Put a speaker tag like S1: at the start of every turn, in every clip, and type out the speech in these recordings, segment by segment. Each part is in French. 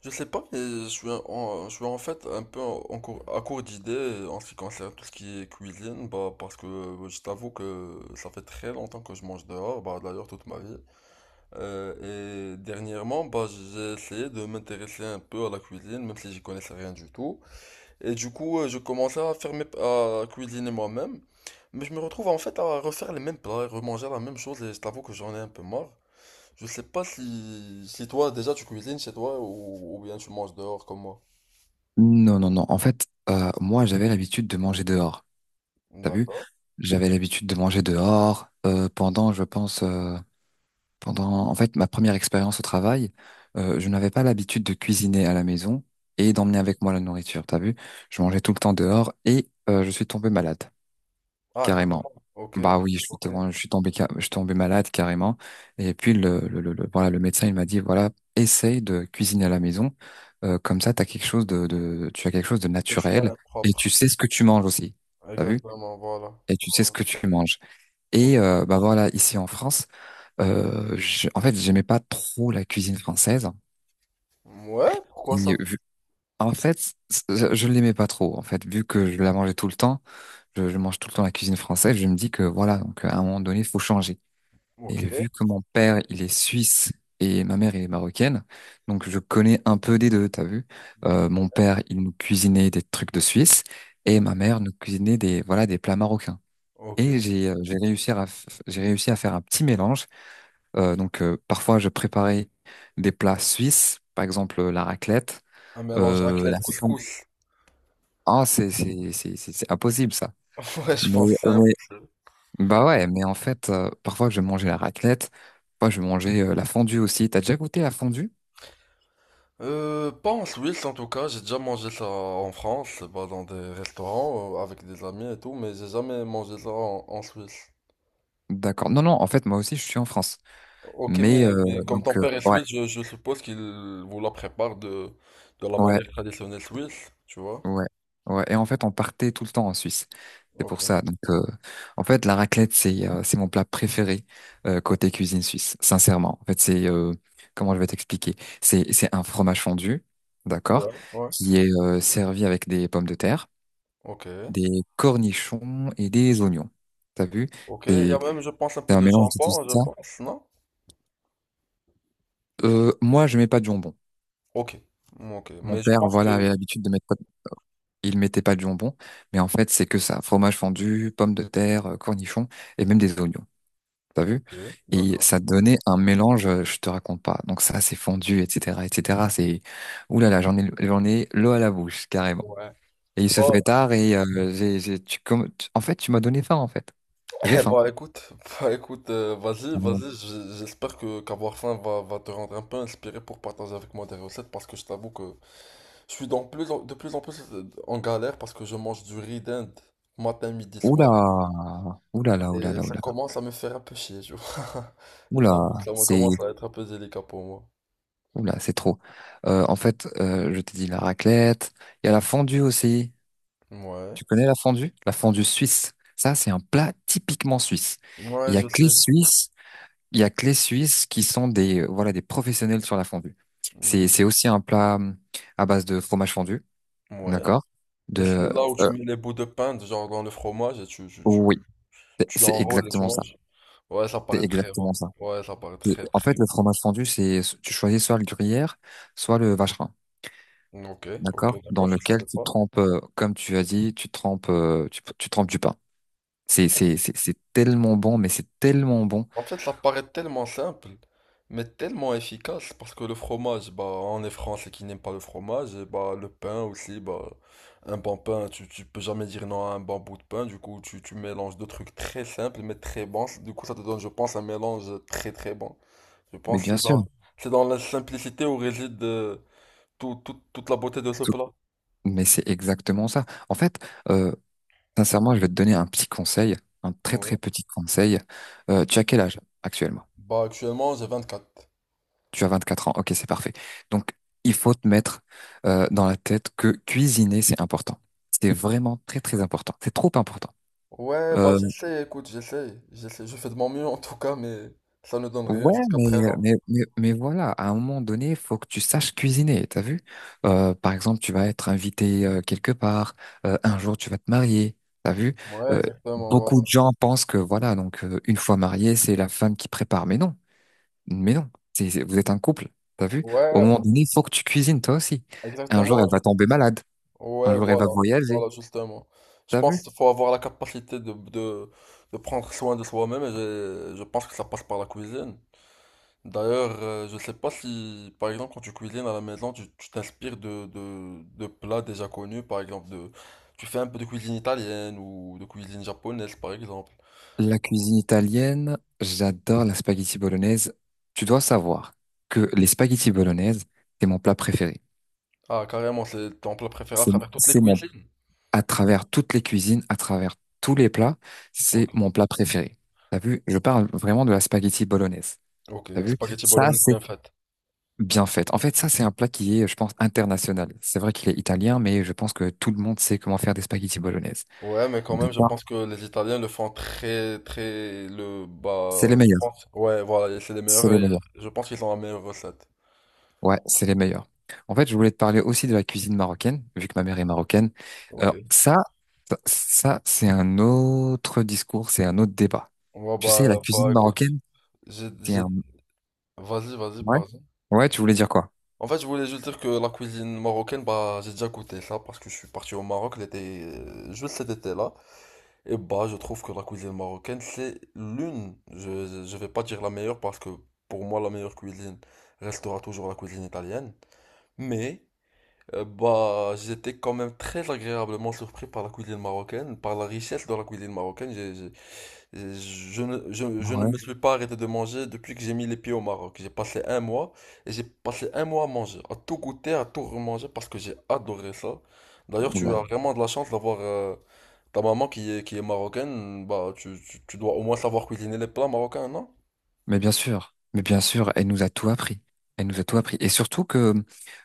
S1: Je sais pas, mais je suis en fait un peu à court d'idées en ce qui concerne tout ce qui est cuisine, bah, parce que je t'avoue que ça fait très longtemps que je mange dehors, bah, d'ailleurs toute ma vie. Et dernièrement, bah, j'ai essayé de m'intéresser un peu à la cuisine, même si j'y connaissais rien du tout. Et du coup, je commençais à faire à cuisiner moi-même, mais je me retrouve en fait à refaire les mêmes plats et remanger la même chose, et je t'avoue que j'en ai un peu marre. Je sais pas si toi déjà tu cuisines chez toi ou bien tu manges dehors comme moi.
S2: Non, non, non. En fait, moi, j'avais l'habitude de manger dehors. T'as vu?
S1: D'accord.
S2: J'avais l'habitude de manger dehors pendant, je pense, pendant, en fait, ma première expérience au travail. Je n'avais pas l'habitude de cuisiner à la maison et d'emmener avec moi la nourriture. T'as vu? Je
S1: Non.
S2: mangeais tout le temps dehors et je suis tombé malade,
S1: Ah,
S2: carrément.
S1: carrément. Ok.
S2: Bah oui,
S1: Ok.
S2: je suis je suis tombé malade carrément. Et puis voilà, le médecin il m'a dit voilà, essaye de cuisiner à la maison. Comme ça, t'as quelque chose tu as quelque chose de
S1: Quelqu'un
S2: naturel
S1: est
S2: et tu
S1: propre.
S2: sais ce que tu manges aussi. T'as vu?
S1: Exactement, voilà.
S2: Et tu sais ce
S1: Voilà.
S2: que tu manges.
S1: Ok.
S2: Et bah voilà, ici en France, en fait, j'aimais pas trop la cuisine française.
S1: Ouais, pourquoi
S2: Et
S1: ça?
S2: vu- en fait, je l'aimais pas trop. En fait, vu que je la mangeais tout le temps, je mange tout le temps la cuisine française. Je me dis que voilà, donc à un moment donné, il faut changer.
S1: Ok.
S2: Et vu que mon père, il est suisse et ma mère, elle est marocaine, donc je connais un peu des deux, t'as vu? Mon père, il nous cuisinait des trucs de Suisse et ma mère nous cuisinait des, voilà, des plats marocains.
S1: Ok.
S2: Et j'ai réussi à faire un petit mélange. Parfois, je préparais des plats suisses, par exemple la raclette,
S1: Un mélange
S2: la
S1: raclette
S2: fondue.
S1: couscous.
S2: Ah, c'est impossible ça.
S1: Ouais, je
S2: Mais,
S1: pense que c'est impossible.
S2: bah ouais, mais en fait, parfois je vais manger la raclette, parfois je vais manger la fondue aussi. T'as déjà goûté la fondue?
S1: Pas en Suisse en tout cas, j'ai déjà mangé ça en France, bah, dans des restaurants avec des amis et tout, mais j'ai jamais mangé ça en Suisse.
S2: D'accord. Non, non, en fait, moi aussi, je suis en France.
S1: Ok,
S2: Mais
S1: mais, mais comme ton
S2: donc, euh,
S1: père est
S2: ouais,
S1: suisse, je suppose qu'il vous la prépare de la
S2: ouais,
S1: manière traditionnelle suisse, tu vois?
S2: ouais, ouais. Et en fait, on partait tout le temps en Suisse. C'est
S1: Ok.
S2: pour ça. En fait, la raclette, c'est mon plat préféré côté cuisine suisse, sincèrement. En fait, c'est comment je vais t'expliquer? C'est un fromage fondu, d'accord,
S1: Ouais, ouais.
S2: qui est servi avec des pommes de terre,
S1: Ok.
S2: des cornichons et des oignons. T'as vu?
S1: Ok, il y a
S2: C'est
S1: même, je pense, un
S2: c'est
S1: peu
S2: un
S1: de
S2: mélange de tout
S1: jambon, je
S2: ça.
S1: pense, non?
S2: Moi, je mets pas de jambon.
S1: Ok. Ok,
S2: Mon
S1: mais je
S2: père,
S1: pense
S2: voilà,
S1: que...
S2: avait l'habitude de mettre, il mettait pas de jambon, mais en fait, c'est que ça. Fromage fondu, pommes de terre, cornichons et même des oignons. T'as vu?
S1: Ok,
S2: Et
S1: d'accord.
S2: ça donnait un mélange, je te raconte pas. Donc ça, c'est fondu, etc., etc. C'est, ouh là là, j'en ai l'eau à la bouche, carrément.
S1: Ouais.
S2: Et il se
S1: Oh,
S2: fait tard et en fait, tu m'as donné faim, en fait. J'ai faim.
S1: bah écoute, bah écoute, vas-y, vas-y, j'espère que qu'avoir faim va, te rendre un peu inspiré pour partager avec moi des recettes parce que je t'avoue que je suis de plus en plus en galère parce que je mange du riz d'Inde matin, midi,
S2: Oula,
S1: soir.
S2: oula là, oula
S1: Et
S2: là,
S1: ça
S2: oula,
S1: commence à me faire un peu chier, tu vois. Je t'avoue que
S2: oula,
S1: ça me commence à être un peu délicat pour moi.
S2: oula, c'est trop. En fait, je t'ai dit la raclette. Il y a la fondue aussi.
S1: Ouais.
S2: Tu connais la fondue? La fondue suisse. Ça, c'est un plat typiquement suisse. Il
S1: Ouais,
S2: y a
S1: je
S2: que les
S1: sais.
S2: Suisses, il y a que les Suisses qui sont des, voilà, des professionnels sur la fondue.
S1: Mm,
S2: C'est aussi un plat à base de fromage fondu,
S1: ouais.
S2: d'accord?
S1: Et c'est
S2: De,
S1: là où tu
S2: euh,
S1: mets les bouts de pain, genre dans le fromage, et tu, tu, tu,
S2: oui,
S1: tu
S2: c'est
S1: enrôles et tu
S2: exactement ça.
S1: manges. Ouais, ça
S2: C'est
S1: paraît très bon.
S2: exactement ça.
S1: Ouais, ça paraît
S2: C'est-
S1: très
S2: En
S1: très
S2: fait, le fromage fondu, c'est tu choisis soit le gruyère, soit le vacherin,
S1: bon. Ok, ok,
S2: d'accord? Dans
S1: d'accord, je
S2: lequel
S1: savais
S2: tu
S1: pas.
S2: trempes, comme tu as dit, tu trempes du pain. C'est c'est tellement bon, mais c'est tellement bon.
S1: En fait, ça paraît tellement simple, mais tellement efficace, parce que le fromage, bah, on est français qui n'aime pas le fromage, et bah, le pain aussi, bah, un bon pain, tu peux jamais dire non à un bon bout de pain, du coup, tu mélanges deux trucs très simples, mais très bons, du coup, ça te donne, je pense, un mélange très très bon. Je
S2: Mais
S1: pense
S2: bien sûr,
S1: c'est dans la simplicité où réside toute la beauté de ce
S2: tout-
S1: plat.
S2: mais c'est exactement ça. En fait, euh, sincèrement, je vais te donner un petit conseil, un très très
S1: Ouais.
S2: petit conseil. Tu as quel âge actuellement?
S1: Bah, actuellement, j'ai 24.
S2: Tu as 24 ans. Ok, c'est parfait. Donc, il faut te mettre dans la tête que cuisiner, c'est important. C'est vraiment très très important. C'est trop important.
S1: Ouais, bah,
S2: Euh,
S1: j'essaie, écoute, je fais de mon mieux en tout cas, mais ça ne donne rien
S2: ouais,
S1: jusqu'à
S2: mais,
S1: présent.
S2: mais voilà, à un moment donné, il faut que tu saches cuisiner, t'as vu? Par exemple, tu vas être invité quelque part, un jour tu vas te marier, t'as vu?
S1: Ouais,
S2: Euh,
S1: exactement, voilà.
S2: beaucoup de gens pensent que voilà, donc une fois marié, c'est la femme qui prépare. Mais non, vous êtes un couple, t'as vu? Au
S1: Ouais,
S2: moment donné, il faut que tu cuisines toi aussi. Un jour, elle
S1: exactement.
S2: va tomber malade, un
S1: Ouais,
S2: jour, elle va
S1: voilà.
S2: voyager,
S1: Voilà, justement. Je
S2: t'as
S1: pense
S2: vu?
S1: qu'il faut avoir la capacité de prendre soin de soi-même et je pense que ça passe par la cuisine. D'ailleurs, je sais pas si, par exemple, quand tu cuisines à la maison, tu t'inspires de plats déjà connus, par exemple, de, tu fais un peu de cuisine italienne ou de cuisine japonaise, par exemple.
S2: La cuisine italienne, j'adore la spaghetti bolognaise. Tu dois savoir que les spaghetti bolognaise, c'est mon plat préféré.
S1: Ah, carrément, c'est ton plat préféré à
S2: C'est,
S1: travers toutes les
S2: c'est mon,
S1: cuisines.
S2: à travers toutes les cuisines, à travers tous les plats, c'est
S1: Ok,
S2: mon plat préféré. T'as vu? Je parle vraiment de la spaghetti bolognaise.
S1: ok,
S2: T'as
S1: une
S2: vu?
S1: spaghetti
S2: Ça,
S1: bolognaise
S2: c'est
S1: bien faite.
S2: bien fait. En fait, ça, c'est un plat qui est, je pense, international. C'est vrai qu'il est italien, mais je pense que tout le monde sait comment faire des spaghetti bolognaise.
S1: Ouais, mais quand même, je
S2: D'accord?
S1: pense que les Italiens le font très, très, le, bah,
S2: C'est les
S1: je
S2: meilleurs.
S1: pense, ouais, voilà, et c'est les
S2: C'est
S1: meilleurs,
S2: les
S1: et
S2: meilleurs.
S1: je pense qu'ils ont la meilleure recette.
S2: Ouais, c'est les meilleurs. En fait, je voulais te parler aussi de la cuisine marocaine, vu que ma mère est marocaine.
S1: Ok.
S2: Euh, ça, ça, c'est un autre discours, c'est un autre débat.
S1: Ouais,
S2: Tu sais, la
S1: bah,
S2: cuisine
S1: bah, écoute,
S2: marocaine,
S1: j'ai,
S2: c'est
S1: j'ai,
S2: un...
S1: vas-y, vas-y,
S2: Ouais?
S1: pardon.
S2: Ouais, tu voulais dire quoi?
S1: En fait, je voulais juste dire que la cuisine marocaine, bah, j'ai déjà goûté ça parce que je suis parti au Maroc l'été, juste cet été-là. Et bah, je trouve que la cuisine marocaine, c'est l'une, je vais pas dire la meilleure parce que pour moi, la meilleure cuisine restera toujours la cuisine italienne. Mais, bah, j'étais quand même très agréablement surpris par la cuisine marocaine, par la richesse de la cuisine marocaine. Je ne
S2: Ouais.
S1: me suis pas arrêté de manger depuis que j'ai mis les pieds au Maroc. J'ai passé un mois et j'ai passé un mois à manger, à tout goûter, à tout remanger parce que j'ai adoré ça. D'ailleurs,
S2: Ouh
S1: tu
S2: là là.
S1: as vraiment de la chance d'avoir ta maman qui est marocaine. Bah, tu dois au moins savoir cuisiner les plats marocains, non?
S2: Mais bien sûr, elle nous a tout appris. Elle nous a tout appris. Et surtout que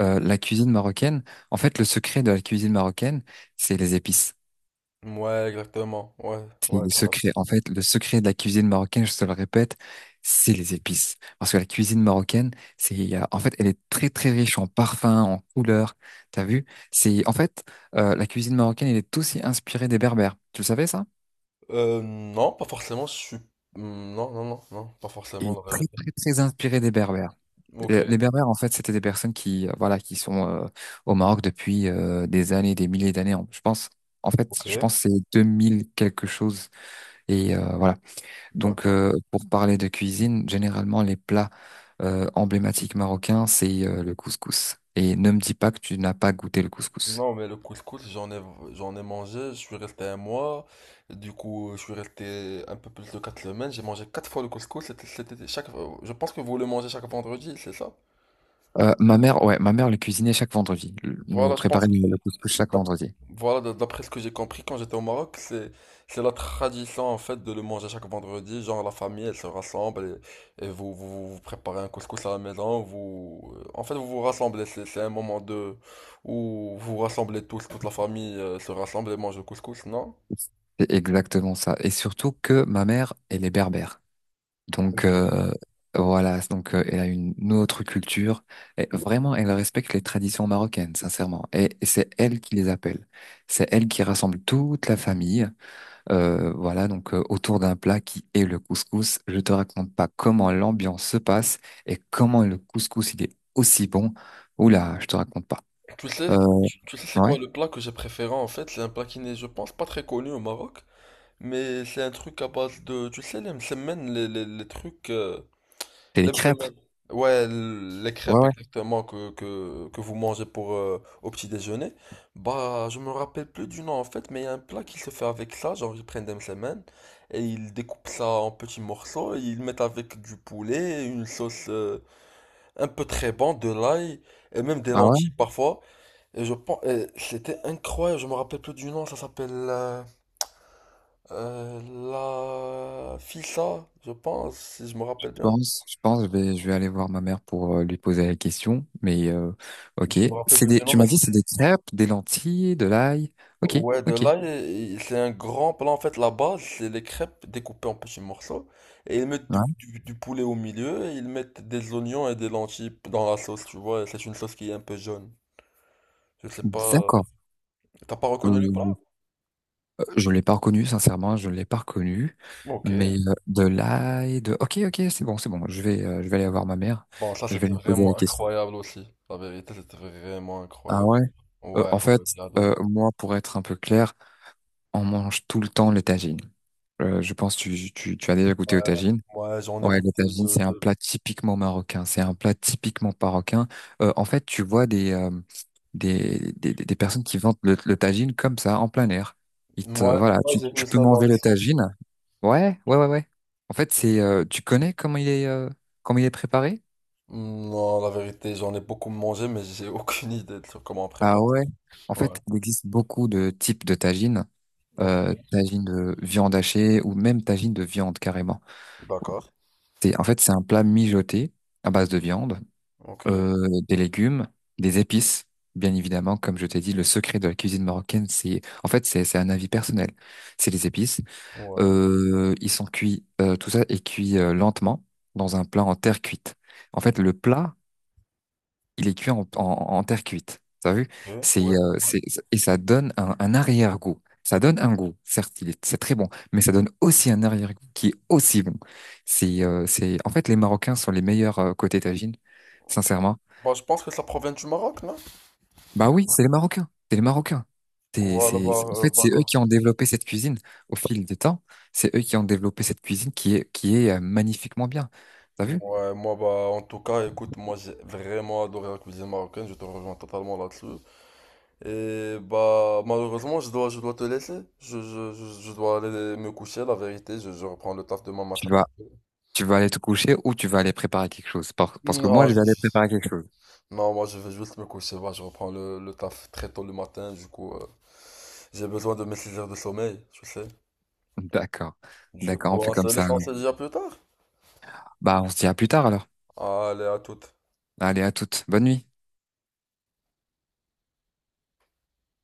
S2: la cuisine marocaine, en fait, le secret de la cuisine marocaine, c'est les épices.
S1: Ouais, exactement. Ouais,
S2: C'est
S1: ouais,
S2: le
S1: tout à
S2: secret.
S1: fait.
S2: En fait, le secret de la cuisine marocaine, je te le répète, c'est les épices. Parce que la cuisine marocaine, c'est, il y a- en fait, elle est très, très riche en parfums, en couleurs. T'as vu? C'est, en fait, la cuisine marocaine, elle est aussi inspirée des Berbères. Tu le savais, ça?
S1: Non, pas forcément. Je suis. Hmm, non, non, non, non, pas
S2: Elle est
S1: forcément. La
S2: très,
S1: vérité.
S2: très, très inspirée des Berbères.
S1: Ok,
S2: Les Berbères, en fait, c'était des personnes qui, voilà, qui sont au Maroc depuis des années, des milliers d'années. Je pense, en fait,
S1: ok,
S2: je pense que c'est 2000 quelque chose. Et voilà. Donc,
S1: d'accord.
S2: pour parler de cuisine, généralement, les plats emblématiques marocains, c'est le couscous. Et ne me dis pas que tu n'as pas goûté le couscous.
S1: Non, mais le couscous, j'en ai mangé, je suis resté un mois, du coup, je suis resté un peu plus de quatre semaines, j'ai mangé quatre fois le couscous, c'était chaque, je pense que vous le mangez chaque vendredi, c'est ça?
S2: Ma mère le cuisinait chaque vendredi. Nous
S1: Voilà, je pense.
S2: préparait le couscous chaque
S1: D'accord.
S2: vendredi.
S1: Voilà, d'après ce que j'ai compris quand j'étais au Maroc, c'est la tradition en fait de le manger chaque vendredi. Genre la famille, elle se rassemble et vous, vous vous préparez un couscous à la maison. Vous en fait vous vous rassemblez. C'est un moment de où vous vous rassemblez tous, toute la famille se rassemble et mange le couscous, non?
S2: C'est exactement ça. Et surtout que ma mère, elle est berbère. Donc,
S1: Ok.
S2: euh, elle a une autre culture. Et vraiment, elle respecte les traditions marocaines, sincèrement. Et c'est elle qui les appelle. C'est elle qui rassemble toute la famille. Autour d'un plat qui est le couscous, je te raconte pas comment l'ambiance se passe et comment le couscous il est aussi bon. Oula, je te raconte pas.
S1: Tu sais,
S2: Euh,
S1: tu sais c'est
S2: ouais,
S1: quoi le plat que j'ai préféré en fait? C'est un plat qui n'est, je pense, pas très connu au Maroc, mais c'est un truc à base de, tu sais, les msemen, les trucs, euh.
S2: c'est les
S1: Les
S2: crêpes.
S1: msemen. Ouais, les
S2: Ouais,
S1: crêpes
S2: ouais.
S1: exactement que vous mangez pour au petit déjeuner. Bah, je me rappelle plus du nom en fait, mais il y a un plat qui se fait avec ça, genre ils prennent des msemen et ils découpent ça en petits morceaux, et ils mettent avec du poulet, une sauce un peu très bon de l'ail et même des
S2: Ah ouais,
S1: lentilles parfois. Et je pense, et c'était incroyable, je me rappelle plus du nom, ça s'appelle euh, la fissa, je pense, si je me rappelle bien.
S2: je vais aller voir ma mère pour lui poser la question. Mais ok,
S1: Je me rappelle plus du nom,
S2: tu
S1: mais
S2: m'as dit c'est des crêpes, des lentilles, de l'ail. Ok,
S1: ouais, de
S2: ok.
S1: là, il- c'est un grand plat. En fait, la base, c'est les crêpes découpées en petits morceaux. Et ils mettent
S2: Ouais,
S1: du poulet au milieu et ils mettent des oignons et des lentilles dans la sauce, tu vois. Et c'est une sauce qui est un peu jaune. Je sais pas.
S2: d'accord.
S1: T'as pas reconnu le plat?
S2: Euh, Je l'ai pas reconnu, sincèrement, je l'ai pas reconnu.
S1: Ok.
S2: Mais de là et de... Ok, ok, c'est bon, c'est bon. Je vais aller voir ma mère.
S1: Bon, ça,
S2: Je vais
S1: c'était
S2: lui poser la
S1: vraiment
S2: question.
S1: incroyable aussi. La vérité, c'était vraiment
S2: Ah
S1: incroyable.
S2: ouais? En
S1: Ouais,
S2: fait,
S1: ouais, j'ai adoré.
S2: moi, pour être un peu clair, on mange tout le temps les tagines. Je pense que tu as déjà
S1: Ouais,
S2: goûté aux tagines.
S1: ouais, j'en ai
S2: Ouais, les
S1: goûté
S2: tagines,
S1: deux,
S2: c'est un
S1: deux.
S2: plat typiquement marocain. C'est un plat typiquement marocain. En fait, des personnes qui vendent le tagine comme ça, en plein air.
S1: Ouais,
S2: Voilà,
S1: ouais, j'ai vu
S2: tu peux
S1: ça dans
S2: manger
S1: les
S2: le
S1: sons.
S2: tagine. Ouais. En fait, tu connais comment il est préparé?
S1: Non, la vérité, j'en ai beaucoup mangé, mais j'ai aucune idée de sur comment on
S2: Ah
S1: prépare.
S2: ouais. En
S1: Ouais.
S2: fait, il existe beaucoup de types de tagines,
S1: Ok,
S2: tagine de viande hachée ou même tagine de viande carrément.
S1: d'accord.
S2: C'est un plat mijoté à base de viande,
S1: Ok,
S2: euh, des légumes, des épices. Bien évidemment, comme je t'ai dit, le secret de la cuisine marocaine, c'est un avis personnel. C'est les épices.
S1: ouais,
S2: Ils sont cuits, tout ça est cuit lentement dans un plat en terre cuite. En fait, le plat il est cuit en terre cuite. T'as vu?
S1: ok,
S2: C'est,
S1: ouais,
S2: euh,
S1: ouais.
S2: c'est, et ça donne un arrière-goût. Ça donne un goût, certes, il est, c'est très bon, mais ça donne aussi un arrière-goût qui est aussi bon. En fait, les Marocains sont les meilleurs côté tagine, sincèrement.
S1: Bah, je pense que ça provient du Maroc, non?
S2: Bah oui, c'est les Marocains, c'est les Marocains.
S1: Voilà, bah,
S2: En
S1: euh,
S2: fait,
S1: bah,
S2: c'est eux
S1: comme-
S2: qui ont développé cette cuisine au fil du temps. C'est eux qui ont développé cette cuisine qui est magnifiquement bien. T'as vu?
S1: ouais, moi, bah, en tout cas, écoute, moi, j'ai vraiment adoré la cuisine marocaine, je te rejoins totalement là-dessus. Et, bah, malheureusement, je dois te laisser. Je dois aller me coucher, la vérité, je reprends le taf demain
S2: Tu
S1: matin
S2: vas,
S1: très tôt.
S2: tu vas aller te coucher ou tu vas aller préparer quelque chose. Parce que moi,
S1: Non,
S2: je vais aller
S1: je-
S2: préparer quelque chose.
S1: non, moi, je vais juste me coucher, bah, je reprends le taf très tôt le matin, du coup, j'ai besoin de mes 6 heures de sommeil, tu sais.
S2: D'accord.
S1: Du
S2: D'accord, on
S1: coup,
S2: fait
S1: on se
S2: comme ça
S1: laisse en
S2: alors.
S1: se dire plus tard.
S2: Bah, on se dit à plus tard alors.
S1: Allez, à toute.
S2: Allez, à toutes. Bonne nuit.